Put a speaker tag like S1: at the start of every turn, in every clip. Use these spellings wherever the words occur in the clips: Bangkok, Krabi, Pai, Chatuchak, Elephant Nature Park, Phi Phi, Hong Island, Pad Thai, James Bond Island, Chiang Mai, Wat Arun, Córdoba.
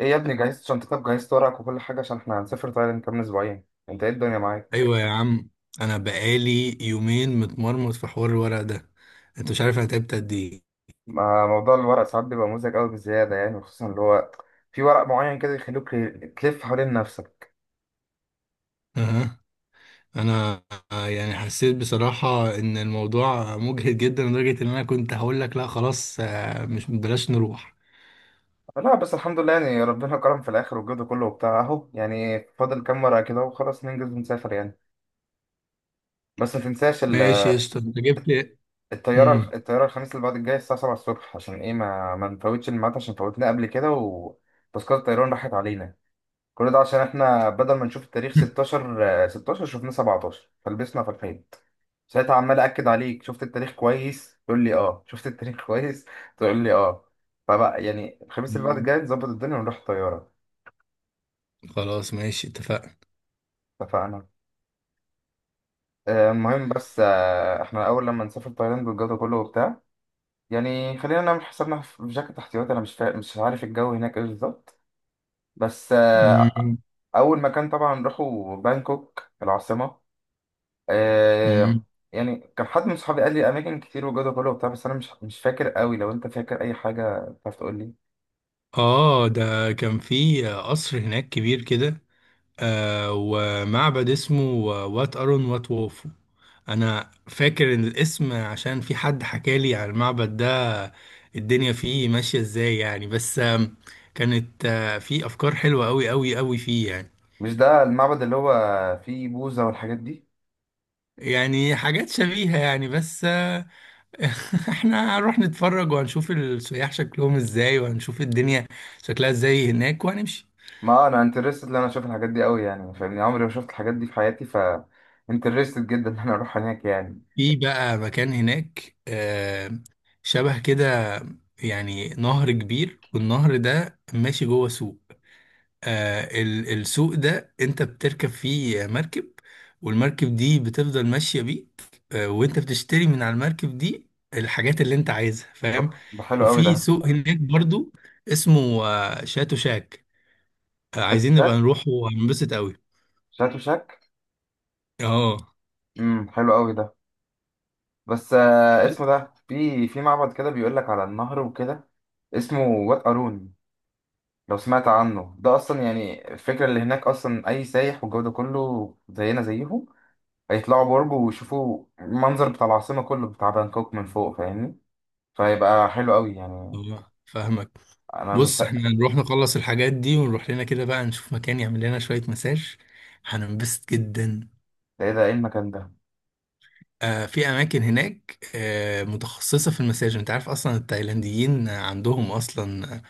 S1: ايه يا ابني، جهزت شنطتك، جهزت ورقك وكل حاجة؟ عشان احنا هنسافر تايلاند كمان اسبوعين. انت ايه الدنيا معاك؟
S2: ايوه يا عم، انا بقالي يومين متمرمط في حوار الورق ده. انت مش عارف انا تعبت قد ايه.
S1: ما موضوع الورق ساعات بيبقى مزعج قوي بزيادة يعني، خصوصا اللي هو في ورق معين كده يخلوك تلف حوالين نفسك.
S2: أها. انا آه، يعني حسيت بصراحه ان الموضوع مجهد جدا لدرجه ان انا كنت هقول لك لا خلاص، مش بلاش نروح.
S1: لا بس الحمد لله، يعني ربنا كرم في الاخر والجد كله وبتاع اهو، يعني فاضل كام ورقة كده وخلاص ننجز ونسافر يعني. بس ما تنساش
S2: ماشي يا اسطى انت جبت لي.
S1: الطيارة
S2: مم.
S1: الطيارة الخميس اللي بعد الجاي الساعة 7 الصبح، عشان ايه، ما نفوتش الميعاد عشان فوتنا قبل كده وتذكرة الطيران راحت علينا. كل ده عشان احنا بدل ما نشوف التاريخ 16، 16 شفناه 17 فلبسنا في الحيط. ساعتها عمال اكد عليك، شفت التاريخ كويس؟ تقول لي اه شفت التاريخ كويس، تقول لي اه. فبقى يعني الخميس اللي بعد
S2: مم.
S1: الجاي نظبط الدنيا ونروح طياره.
S2: خلاص ماشي اتفقنا.
S1: اتفقنا. المهم، بس احنا اول لما نسافر تايلاند والجو ده كله وبتاع، يعني خلينا نعمل حسابنا في جاكيت احتياطي. انا مش عارف الجو هناك ايه بالظبط. بس
S2: مم.
S1: اول مكان طبعا نروحه بانكوك العاصمه. آه.
S2: مم.
S1: يعني كان حد من صحابي قال لي اماكن كتير وجوده كله وبتاع، بس انا مش فاكر قوي، لو انت فاكر اي حاجه تعرف تقول لي.
S2: اه، ده كان في قصر هناك كبير كده. ومعبد اسمه وات أرون وات ووفو. أنا فاكر إن الاسم عشان في حد حكالي عن المعبد ده الدنيا فيه ماشية إزاي يعني، بس آم، كانت في أفكار حلوة أوي أوي أوي فيه يعني
S1: مش ده المعبد اللي هو فيه بوذا والحاجات دي؟
S2: يعني حاجات شبيهة يعني. بس آه، احنا هنروح نتفرج وهنشوف السياح شكلهم ازاي وهنشوف الدنيا شكلها ازاي هناك وهنمشي.
S1: ما انا انترستد ان انا اشوف الحاجات دي قوي يعني، فاهمني، عمري ما شفت الحاجات دي في حياتي، ف انترستد جدا ان انا اروح هناك يعني.
S2: في بقى مكان هناك شبه كده، يعني نهر كبير والنهر ده ماشي جوه سوق. السوق ده انت بتركب فيه مركب والمركب دي بتفضل ماشية بيك. وانت بتشتري من على المركب دي الحاجات اللي انت عايزها،
S1: أوف،
S2: فاهم.
S1: ده حلو قوي
S2: وفي
S1: ده.
S2: سوق هناك برضو اسمه شاتو شاك.
S1: شات
S2: عايزين نبقى
S1: شاك.
S2: نروح وهنبسط قوي.
S1: شات وشاك.
S2: اه.
S1: حلو قوي ده. بس
S2: بس.
S1: اسمه ده، في معبد كده بيقول لك على النهر وكده. اسمه وات ارون. لو سمعت عنه ده اصلا. يعني الفكره اللي هناك اصلا، اي سايح والجو ده كله زينا زيهم، هيطلعوا برج ويشوفوا المنظر بتاع العاصمه كله بتاع بانكوك من فوق، فاهمني. فهيبقى حلو قوي يعني.
S2: فاهمك.
S1: انا
S2: بص، احنا
S1: مست
S2: نروح نخلص الحاجات دي ونروح لنا كده بقى نشوف مكان يعمل لنا شوية مساج، هننبسط جدا.
S1: ده ايه، ده ايه المكان ده؟
S2: في اماكن هناك متخصصه في المساج. انت عارف اصلا التايلانديين عندهم اصلا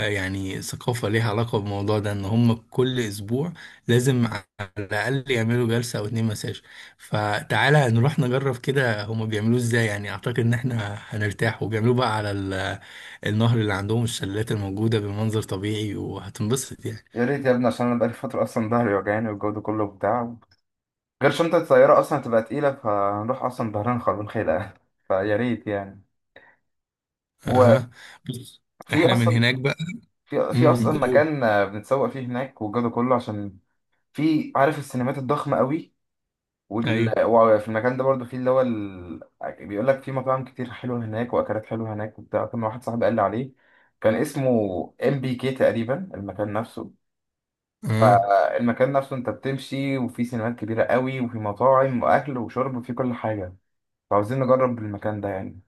S2: يعني ثقافه ليها علاقه بالموضوع ده، ان هم كل اسبوع لازم على الاقل يعملوا جلسه او اتنين مساج. فتعالى نروح نجرب كده هم بيعملوه ازاي، يعني اعتقد ان احنا هنرتاح. وبيعملوه بقى على النهر اللي عندهم الشلالات الموجوده بمنظر طبيعي وهتنبسط يعني.
S1: يا ريت يا ابني، عشان انا بقالي فتره اصلا ظهري وجعاني والجو ده كله بتاع، غير شنطه الطياره اصلا هتبقى تقيله، فهنروح اصلا ظهرنا خربان خيلة فيا ريت يعني. وفي
S2: اها. بص، احنا من
S1: اصلا
S2: هناك بقى.
S1: في اصلا
S2: امم، قول.
S1: مكان، بنتسوق فيه هناك والجو ده كله، عشان في، عارف، السينمات الضخمه قوي. وفي المكان ده برضو، في اللي هو ال... بيقول لك في مطاعم كتير حلوه هناك واكلات حلوه هناك وبتاع. كان واحد صاحبي قال لي عليه، كان اسمه ام بي كي تقريبا المكان نفسه.
S2: ايوه.
S1: فالمكان نفسه انت بتمشي وفي سينمات كبيره قوي، وفي مطاعم واكل وشرب وفي كل حاجه. فعاوزين نجرب المكان ده يعني.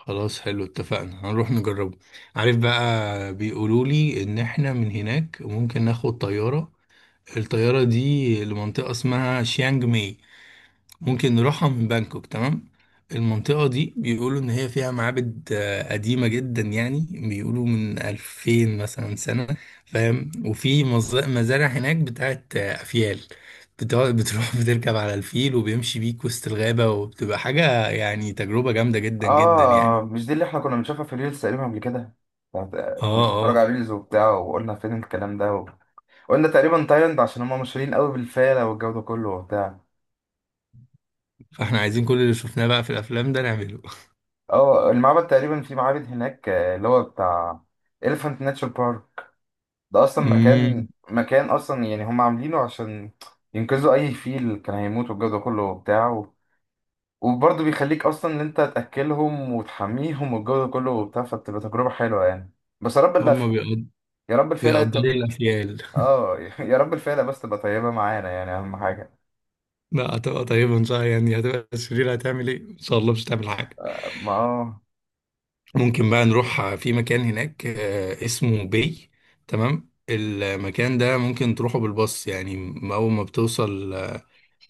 S2: خلاص حلو، اتفقنا، هنروح نجربه. عارف بقى بيقولوا لي ان احنا من هناك ممكن ناخد طيارة، الطيارة دي لمنطقة اسمها شيانج ماي، ممكن نروحها من بانكوك. تمام. المنطقة دي بيقولوا ان هي فيها معابد قديمة جدا، يعني بيقولوا من 2000 مثلا سنة. فاهم. وفي مزارع هناك بتاعت افيال. بتروح بتركب على الفيل وبيمشي بيك وسط الغابة، وبتبقى حاجة يعني تجربة جامدة جدا جدا
S1: اه،
S2: يعني.
S1: مش دي اللي احنا كنا بنشوفها في ريلز تقريبا قبل كده؟
S2: اه،
S1: كنا بنتفرج
S2: اه،
S1: على ريلز وبتاع وقلنا فين الكلام ده. و... قلنا تقريبا تايلاند، عشان هم مشهورين قوي بالفيلة والجو ده كله وبتاع.
S2: فاحنا عايزين كل اللي شفناه بقى في الافلام ده نعمله.
S1: اه، المعبد تقريبا، في معابد هناك اللي هو بتاع Elephant Nature Park. ده اصلا مكان،
S2: امم.
S1: مكان اصلا يعني هم عاملينه عشان ينقذوا اي فيل كان هيموت والجو ده كله وبتاع، وبرضه بيخليك اصلا ان انت تاكلهم وتحميهم والجو ده كله وبتاع، فبتبقى تجربه حلوه يعني. بس يا رب
S2: هما
S1: اللفه، يا رب الفيله
S2: بيقدروا
S1: تبقى،
S2: الافيال.
S1: اه يا رب الفيله بس تبقى طيبه معانا، يعني اهم حاجه.
S2: لا، هتبقى طيبه ان شاء الله، يعني هتبقى شريره هتعمل ايه؟ ان شاء الله مش هتعمل حاجه.
S1: ما اه
S2: ممكن بقى نروح في مكان هناك اسمه بي. تمام، المكان ده ممكن تروحه بالباص، يعني اول ما بتوصل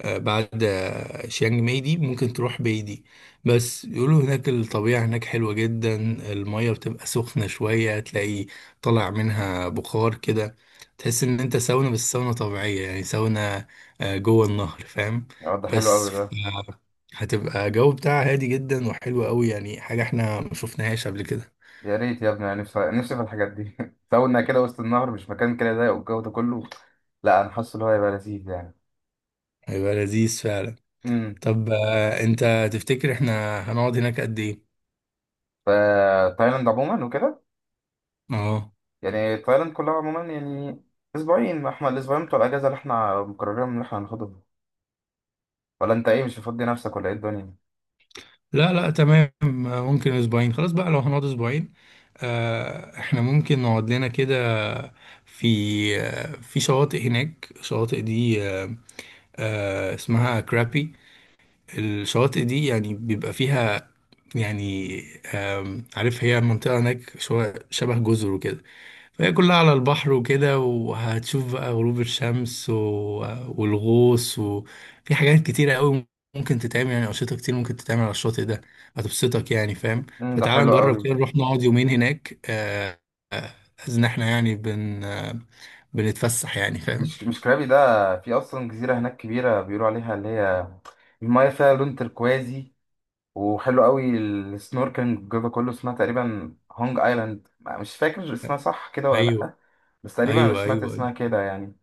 S2: بعد شيانج ماي دي ممكن تروح بايدي. بس يقولوا هناك الطبيعة هناك حلوة جدا، المية بتبقى سخنة شوية، تلاقي طالع منها بخار كده، تحس ان انت ساونا، بس ساونا طبيعية، يعني ساونا جوه النهر، فاهم.
S1: ده حلو
S2: بس
S1: قوي
S2: ف-
S1: ده.
S2: هتبقى جو بتاعها هادي جدا وحلو قوي يعني، حاجة احنا ما شفناهاش قبل كده.
S1: يا ريت يا ابني، انا نفسي نفسي في الحاجات دي كوننا كده وسط النهر، مش مكان كده ضيق والجو ده كله. لا، انا حاسس ان هو هيبقى لذيذ يعني.
S2: هيبقى لذيذ فعلا.
S1: امم.
S2: طب، انت تفتكر احنا هنقعد هناك قد ايه؟
S1: فتايلاند عموما وكده،
S2: اه،
S1: يعني تايلاند كلها عموما يعني اسبوعين، ما احنا الاسبوعين بتوع الاجازه اللي احنا مقررين ان احنا هناخدهم. ولا انت ايه، مش هتفضي نفسك ولا ايه الدنيا؟
S2: لا لا، تمام، ممكن اسبوعين. خلاص بقى، لو هنقعد اسبوعين احنا ممكن نقعد لنا كده. في في شواطئ هناك، الشواطئ دي اسمها كرابي. الشواطئ دي يعني بيبقى فيها يعني، عارف هي منطقة هناك شوية شبه جزر وكده، فهي كلها على البحر وكده، وهتشوف بقى غروب الشمس، و... والغوص، وفي حاجات كتيرة قوي ممكن تتعمل، يعني أنشطة كتير ممكن تتعمل على الشاطئ ده، هتبسطك يعني، فاهم.
S1: ده
S2: فتعال
S1: حلو قوي.
S2: نجرب كده نروح نقعد يومين هناك، آه، إن إحنا يعني بن آه، بنتفسح يعني، فاهم.
S1: مش كرابي ده. في اصلا جزيره هناك كبيره بيقولوا عليها اللي هي المايه فيها لون تركوازي، وحلو قوي السنوركلينج الجزء كله، اسمها تقريبا هونج ايلاند، مش فاكر اسمها صح كده ولا
S2: أيوه
S1: لأ. بس تقريبا انا
S2: أيوه أيوه
S1: سمعت
S2: أيوه.
S1: اسمها كده يعني.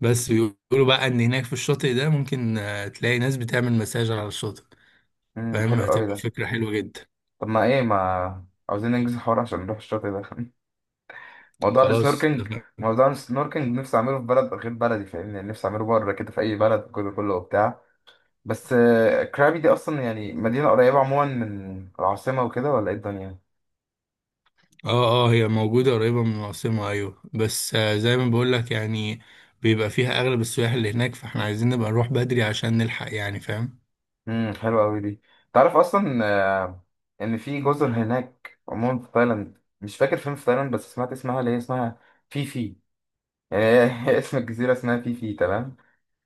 S2: بس بيقولوا بقى إن هناك في الشاطئ ده ممكن تلاقي ناس بتعمل مساج على الشاطئ، فاهم،
S1: حلو قوي
S2: هتبقى
S1: ده.
S2: فكرة حلوة جدا.
S1: طب ما ايه، ما عاوزين ننجز الحوار عشان نروح الشاطئ ده موضوع
S2: خلاص
S1: السنوركلينج،
S2: اتفقنا.
S1: موضوع السنوركلينج نفسي اعمله في بلد غير بلدي، فاهمني، نفسي اعمله بره كده في اي بلد، الجزء كله وبتاع. بس كرابي دي اصلا يعني مدينة قريبة عموما من العاصمة وكده، ولا ايه الدنيا؟
S2: اه، اه، هي موجودة قريبة من العاصمة ايوه، بس زي ما بقولك، يعني بيبقى فيها اغلب السياح اللي هناك، فاحنا عايزين نبقى نروح بدري عشان نلحق يعني، فاهم.
S1: حلوة قوي دي. تعرف اصلا، آه، ان في جزر هناك عموما في تايلاند، مش فاكر فين في تايلاند، بس سمعت اسمها اللي هي اسمها فيفي يعني. هي اسم الجزيرة اسمها فيفي، تمام.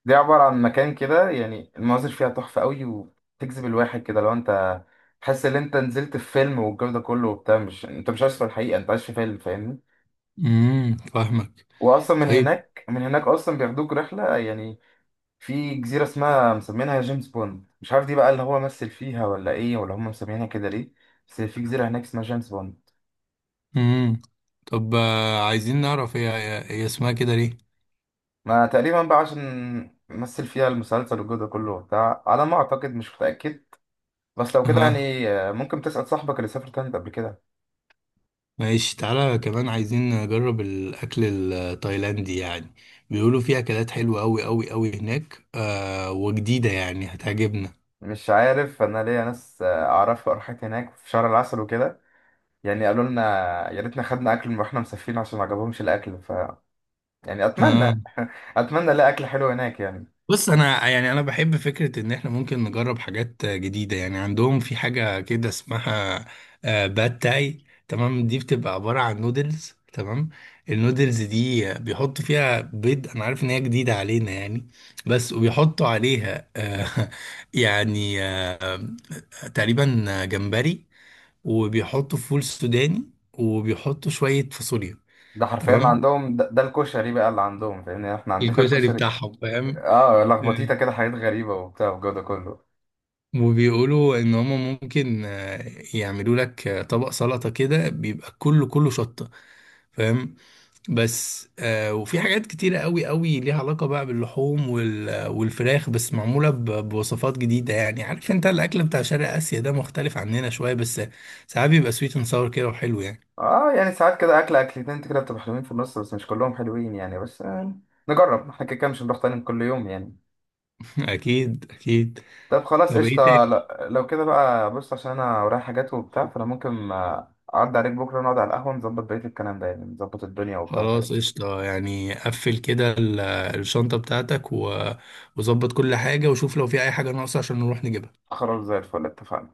S1: دي عبارة عن مكان كده، يعني المناظر فيها تحفة قوي وتجذب الواحد كده، لو انت تحس ان انت نزلت في فيلم والجو ده كله وبتاع، مش انت مش عايش في الحقيقة، انت عايش في فيلم، فاهمني.
S2: امم، فاهمك.
S1: واصلا من
S2: طيب.
S1: هناك من هناك اصلا بياخدوك رحلة يعني. في جزيرة اسمها، مسمينها جيمس بوند، مش عارف دي بقى اللي هو مثل فيها، ولا ايه، ولا هم مسمينها كده ليه. بس في جزيرة هناك اسمها جيمس بوند.
S2: امم. طب عايزين نعرف هي اسمها كده ليه.
S1: ما تقريبا بقى عشان مثل فيها المسلسل والجو ده كله وبتاع، على ما اعتقد، مش متأكد. بس لو كده
S2: اها
S1: يعني، ممكن تسأل صاحبك اللي سافر تايلاند قبل كده.
S2: ماشي، تعالى كمان عايزين نجرب الاكل التايلاندي يعني، بيقولوا فيه اكلات حلوة اوي اوي اوي هناك وجديدة يعني هتعجبنا.
S1: مش عارف، انا ليا ناس اعرفها راحت هناك في شهر العسل وكده، يعني قالوا لنا يا ريتنا خدنا اكل من واحنا مسافرين عشان ما عجبهمش الاكل، ف يعني اتمنى
S2: آه.
S1: اتمنى الاقي اكل حلو هناك يعني.
S2: بص، انا يعني انا بحب فكره ان احنا ممكن نجرب حاجات جديده يعني. عندهم في حاجه كده اسمها باد تاي. تمام، دي بتبقى عباره عن نودلز. تمام، النودلز دي بيحطوا فيها بيض، انا عارف ان هي جديده علينا يعني، بس وبيحطوا عليها يعني تقريبا جمبري، وبيحطوا فول سوداني، وبيحطوا شويه فاصوليا.
S1: ده حرفيا اللي
S2: تمام،
S1: عندهم ده, ده الكشري بقى اللي عندهم، فاهمني؟ يعني احنا عندنا
S2: الكشري
S1: الكشري.
S2: بتاعهم، فاهم.
S1: اه، لخبطيته كده حاجات غريبة وبتاع والجو ده كله.
S2: وبيقولوا ان هما ممكن يعملوا لك طبق سلطة كده بيبقى كله كله شطة، فاهم. بس وفي حاجات كتيرة قوي قوي ليها علاقة بقى باللحوم وال- والفراخ، بس معمولة بوصفات جديدة يعني. عارف انت الاكل بتاع شرق اسيا ده مختلف عننا شوية، بس ساعات بيبقى سويت اند ساور كده وحلو يعني.
S1: اه يعني ساعات كده اكل اكلتين كده بتبقى حلوين في النص، بس مش كلهم حلوين يعني. بس نجرب احنا، كده كده مش هنروح تاني كل يوم يعني.
S2: اكيد اكيد.
S1: طب خلاص
S2: طب ايه
S1: قشطة،
S2: تاني،
S1: لو كده بقى، بص، عشان انا ورايا حاجات وبتاع، فانا ممكن اعدي عليك بكرة نقعد على القهوة نظبط بقية الكلام ده، يعني نظبط الدنيا وبتاع والحاجات
S2: خلاص
S1: دي.
S2: قشطة، يعني قفل كده الشنطة بتاعتك وظبط كل حاجة وشوف لو في اي حاجة ناقصة عشان نروح نجيبها.
S1: خلاص زي الفل، اتفقنا.